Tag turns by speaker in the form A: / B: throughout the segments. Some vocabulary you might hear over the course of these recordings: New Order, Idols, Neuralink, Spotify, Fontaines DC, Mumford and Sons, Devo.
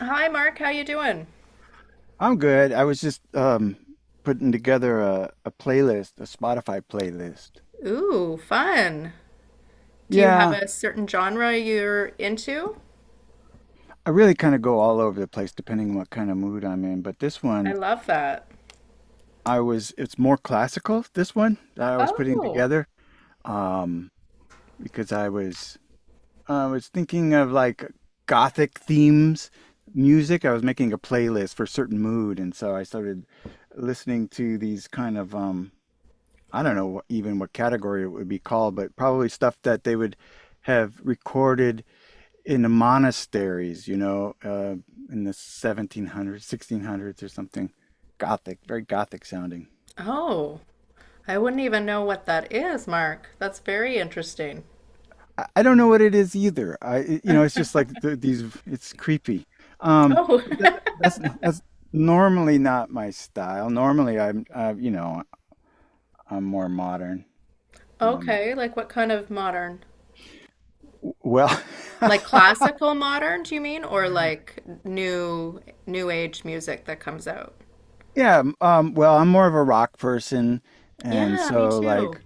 A: Hi Mark, how you doing?
B: I'm good. I was just putting together a playlist, a Spotify playlist.
A: Ooh, fun. Do you have
B: Yeah,
A: a certain genre you're into?
B: I really kind of go all over the place depending on what kind of mood I'm in, but this
A: I
B: one
A: love that.
B: I was it's more classical, this one that I was putting
A: Oh.
B: together um because I was thinking of like gothic themes music. I was making a playlist for a certain mood and so I started listening to these kind of I don't know even what category it would be called, but probably stuff that they would have recorded in the monasteries, you know, in the 1700s, 1600s or something. Gothic, very Gothic sounding.
A: Oh. I wouldn't even know what that is, Mark. That's very interesting.
B: I don't know what it is either. I it's just like it's creepy. Um,
A: Oh.
B: but that, that's normally not my style. Normally I'm, you know, I'm more modern. Um,
A: Okay, like what kind of modern?
B: well,
A: Like classical modern, do you mean? Or like new age music that comes out?
B: Yeah, I'm more of a rock person, and
A: Yeah, me
B: so
A: too.
B: like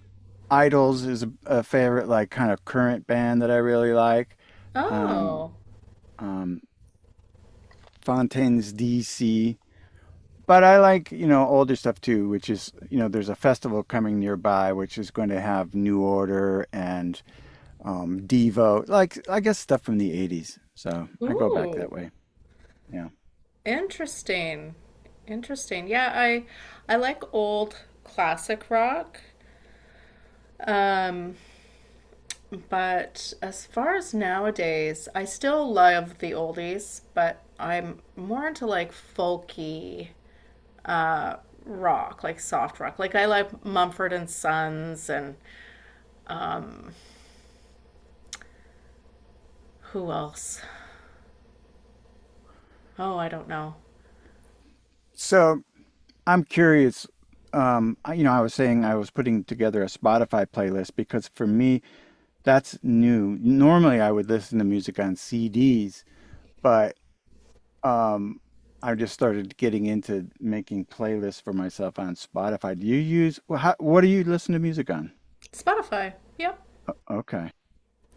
B: Idols is a favorite like kind of current band that I really like. Um,
A: Oh.
B: um, Fontaines DC, but I like, you know, older stuff too, which is, you know, there's a festival coming nearby which is going to have New Order and Devo, like I guess stuff from the 80s. So, I go back
A: Ooh.
B: that way. Yeah.
A: Interesting. Interesting. Yeah, I like old classic rock. Um, but as far as nowadays, I still love the oldies, but I'm more into like folky uh rock, like soft rock. Like I like Mumford and Sons and who else? Oh, I don't know.
B: So, I'm curious. You know, I was saying I was putting together a Spotify playlist because for me, that's new. Normally, I would listen to music on CDs, but um, I just started getting into making playlists for myself on Spotify. Do you use, what do you listen to music on?
A: Spotify. Yep.
B: Okay.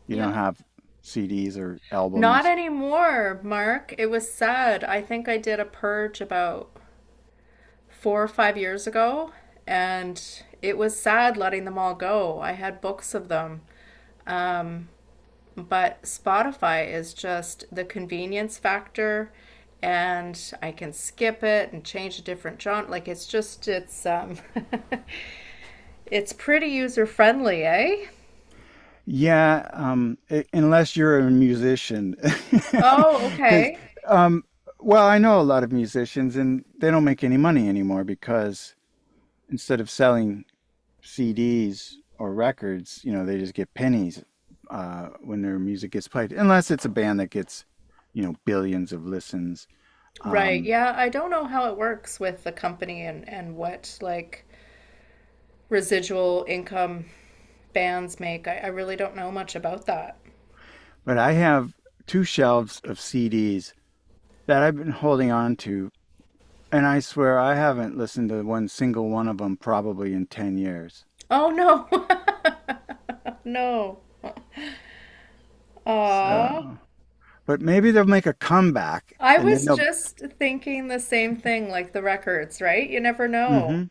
B: You
A: Yeah.
B: don't have CDs or
A: Not
B: albums.
A: anymore, Mark. It was sad. I think I did a purge about 4 or 5 years ago, and it was sad letting them all go. I had books of them. Um, but Spotify is just the convenience factor, and I can skip it and change a different genre. Like it's just it's it's pretty user friendly, eh?
B: Yeah, unless you're a musician,
A: Oh,
B: because
A: okay.
B: um, well, I know a lot of musicians, and they don't make any money anymore because instead of selling CDs or records, you know, they just get pennies when their music gets played, unless it's a band that gets, you know, billions of listens.
A: Right.
B: Um,
A: Yeah, I don't know how it works with the company and what like residual income bands make. I really don't know much about that.
B: but I have two shelves of CDs that I've been holding on to, and I swear I haven't listened to one single one of them probably in 10 years.
A: Oh no. No. Aw.
B: So, but maybe they'll make a comeback
A: I
B: and then
A: was
B: they'll.
A: just thinking the same thing, like the records, right? You never know.
B: hmm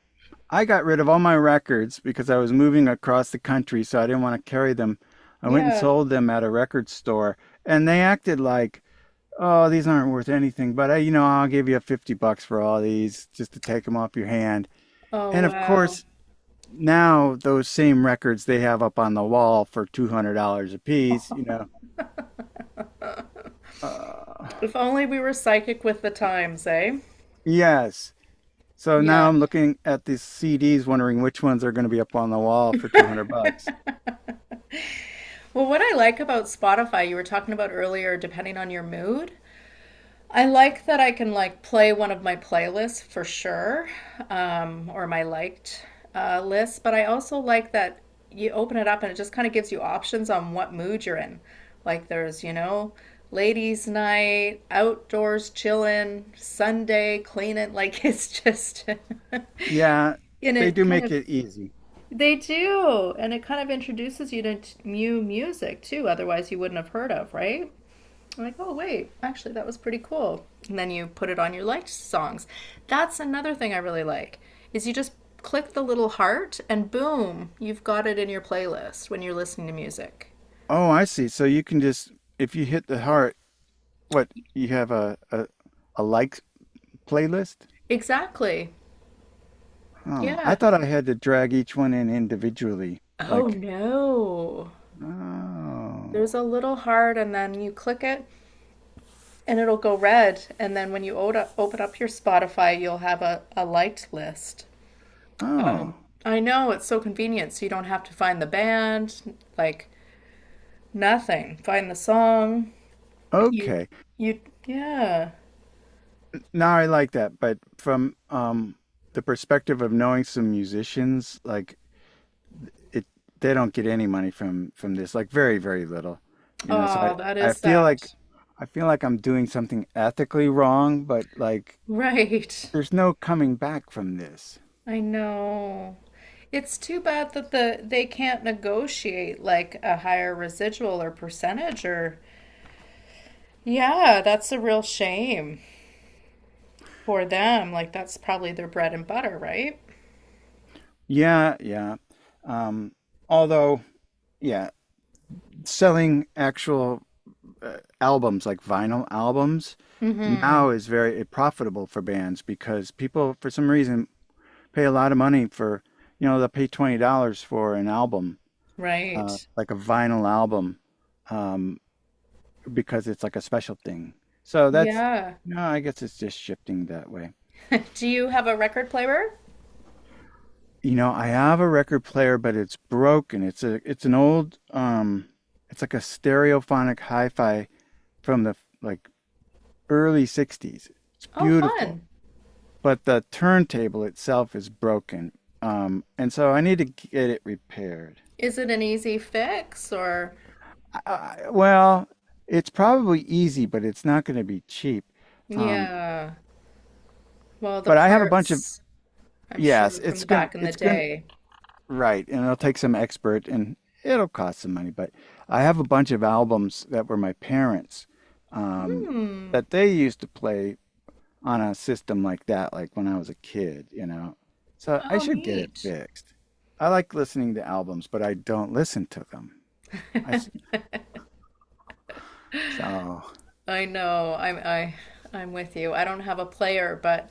B: I got rid of all my records because I was moving across the country, so I didn't want to carry them. I went and
A: Yeah.
B: sold them at a record store, and they acted like, "Oh, these aren't worth anything, but I, you know, I'll give you $50 for all these just to take them off your hand."
A: Oh
B: And of
A: wow.
B: course, now those same records they have up on the wall for $200 a piece, you know. Uh,
A: If only we were psychic with the times, eh?
B: yes. So now
A: Yeah.
B: I'm looking at these CDs, wondering which ones are going to be up on the wall for 200 bucks.
A: Well, what I like about Spotify, you were talking about earlier, depending on your mood. I like that I can like play one of my playlists for sure, or my liked list, but I also like that you open it up and it just kind of gives you options on what mood you're in. Like there's, you know, ladies' night, outdoors chillin', Sunday cleaning. Like it's just, and
B: Yeah, they
A: it
B: do
A: kind
B: make
A: of,
B: it easy.
A: they do. And it kind of introduces you to new music too, otherwise you wouldn't have heard of, right? I'm like, oh, wait, actually, that was pretty cool. And then you put it on your liked songs. That's another thing I really like is you just click the little heart and boom, you've got it in your playlist when you're listening to music.
B: Oh, I see. So if you hit the heart, what, you have a like playlist?
A: Exactly.
B: Oh, I
A: Yeah.
B: thought I had to drag each one in individually.
A: Oh
B: Like,
A: no.
B: oh,
A: There's a little heart and then you click it and it'll go red and then when you open up your Spotify, you'll have a liked list.
B: oh,
A: Um, I know it's so convenient so you don't have to find the band like nothing. Find the song. You,
B: okay.
A: you, yeah.
B: Now I like that, but from the perspective of knowing some musicians, like it they don't get any money from this, like very, very little. You know, so I
A: Oh, that
B: I
A: is
B: feel
A: sad.
B: like I feel like I'm doing something ethically wrong, but like
A: Right.
B: there's no coming back from this.
A: I know. It's too bad that they can't negotiate like a higher residual or percentage or yeah, that's a real shame for them. Like that's probably their bread and butter, right?
B: Yeah, yeah. Um, although, yeah, selling actual albums like vinyl albums
A: Mm-hmm.
B: now is very profitable for bands because people, for some reason, pay a lot of money for, you know, they'll pay $20 for an album
A: Right.
B: like a vinyl album um, because it's like a special thing. So that's
A: Yeah.
B: no, I guess it's just shifting that way.
A: Do you have a record player?
B: You know, I have a record player, but it's broken. It's an old it's like a stereophonic hi-fi from the like early '60s. It's
A: Oh,
B: beautiful,
A: fun.
B: but the turntable itself is broken, and so I need to get it repaired.
A: Is it an easy fix or
B: Well, it's probably easy, but it's not going to be cheap. Um,
A: yeah. Well, the
B: But I have a bunch of
A: parts, I'm
B: yes.
A: sure, from the back in the
B: It's going to
A: day.
B: right, and it'll take some expert, and it'll cost some money. But I have a bunch of albums that were my parents' um,
A: Hmm.
B: that they used to play on a system like that, like when I was a kid, you know. So I
A: Oh,
B: should get it
A: neat.
B: fixed. I like listening to albums, but I don't listen to them. I s- so
A: I know. I'm with you. I don't have a player, but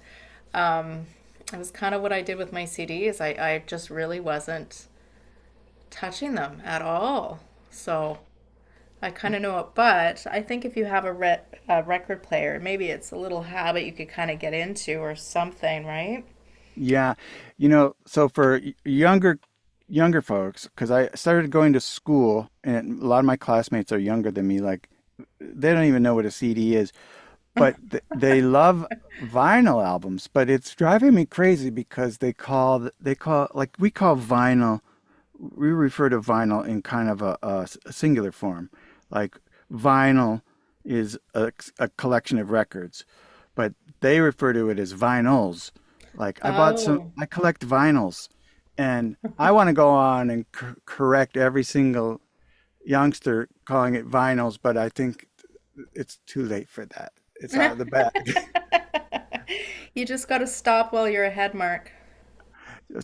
A: um, it was kind of what I did with my CDs. I just really wasn't touching them at all. So I kind of know it, but I think if you have a, re a record player, maybe it's a little habit you could kind of get into or something, right?
B: Yeah. You know, so for younger folks, because I started going to school and a lot of my classmates are younger than me, like they don't even know what a CD is, but th they love vinyl albums, but it's driving me crazy because they call like we call vinyl we refer to vinyl in kind of a singular form. Like vinyl is a collection of records, but they refer to it as vinyls. Like I bought some,
A: Oh.
B: I collect vinyls, and I want to go on and correct every single youngster calling it vinyls, but I think it's too late for that. It's out of the bag.
A: You just got to stop while you're ahead, Mark.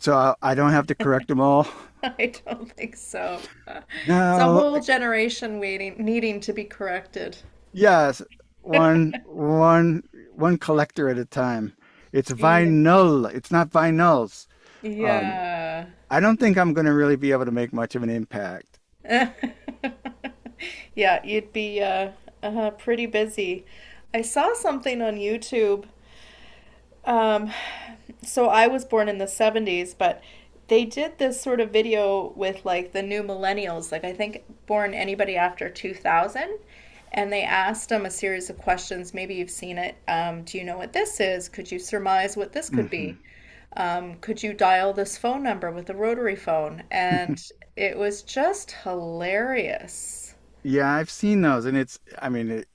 B: So don't have to correct them all
A: I don't think so. It's a
B: now.
A: whole generation waiting, needing to be corrected.
B: Yes, one one one collector at a time. It's
A: Yeah.
B: vinyl. It's not vinyls. Um,
A: Yeah.
B: I don't think I'm gonna really be able to make much of an impact.
A: Yeah, you'd be pretty busy. I saw something on YouTube. Um, so I was born in the 70s, but they did this sort of video with like the new millennials, like I think born anybody after 2000. And they asked them a series of questions. Maybe you've seen it. Do you know what this is? Could you surmise what this could
B: Hmm.
A: be? Could you dial this phone number with a rotary phone? And it was just hilarious.
B: Yeah, I've seen those, and it's. I mean,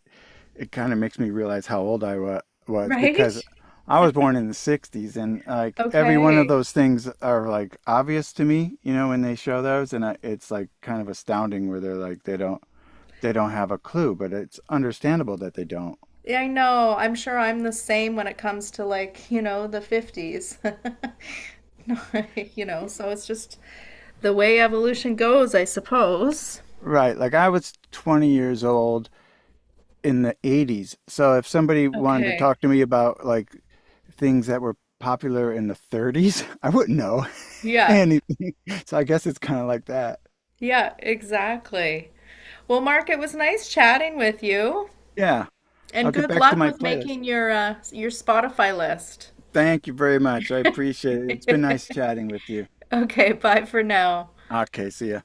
B: it kind of makes me realize how old I wa was because
A: Right?
B: I was born in the '60s, and like every one of
A: Okay.
B: those things are like obvious to me, you know, when they show those, and it's like kind of astounding where they're like they don't have a clue, but it's understandable that they don't.
A: Yeah, I know. I'm sure I'm the same when it comes to like, you know, the 50s. No, you know, so it's just the way evolution goes, I suppose.
B: Right. Like I was 20 years old in the 80s. So if somebody wanted to
A: Okay.
B: talk to me about like things that were popular in the 30s, I wouldn't know
A: Yeah.
B: anything. So I guess it's kind of like that.
A: Yeah, exactly. Well, Mark, it was nice chatting with you,
B: Yeah. I'll
A: and
B: get
A: good
B: back to
A: luck
B: my
A: with
B: playlist.
A: making your Spotify list.
B: Thank you very much. I appreciate it. It's been nice chatting with you.
A: Okay, bye for now.
B: Okay. See ya.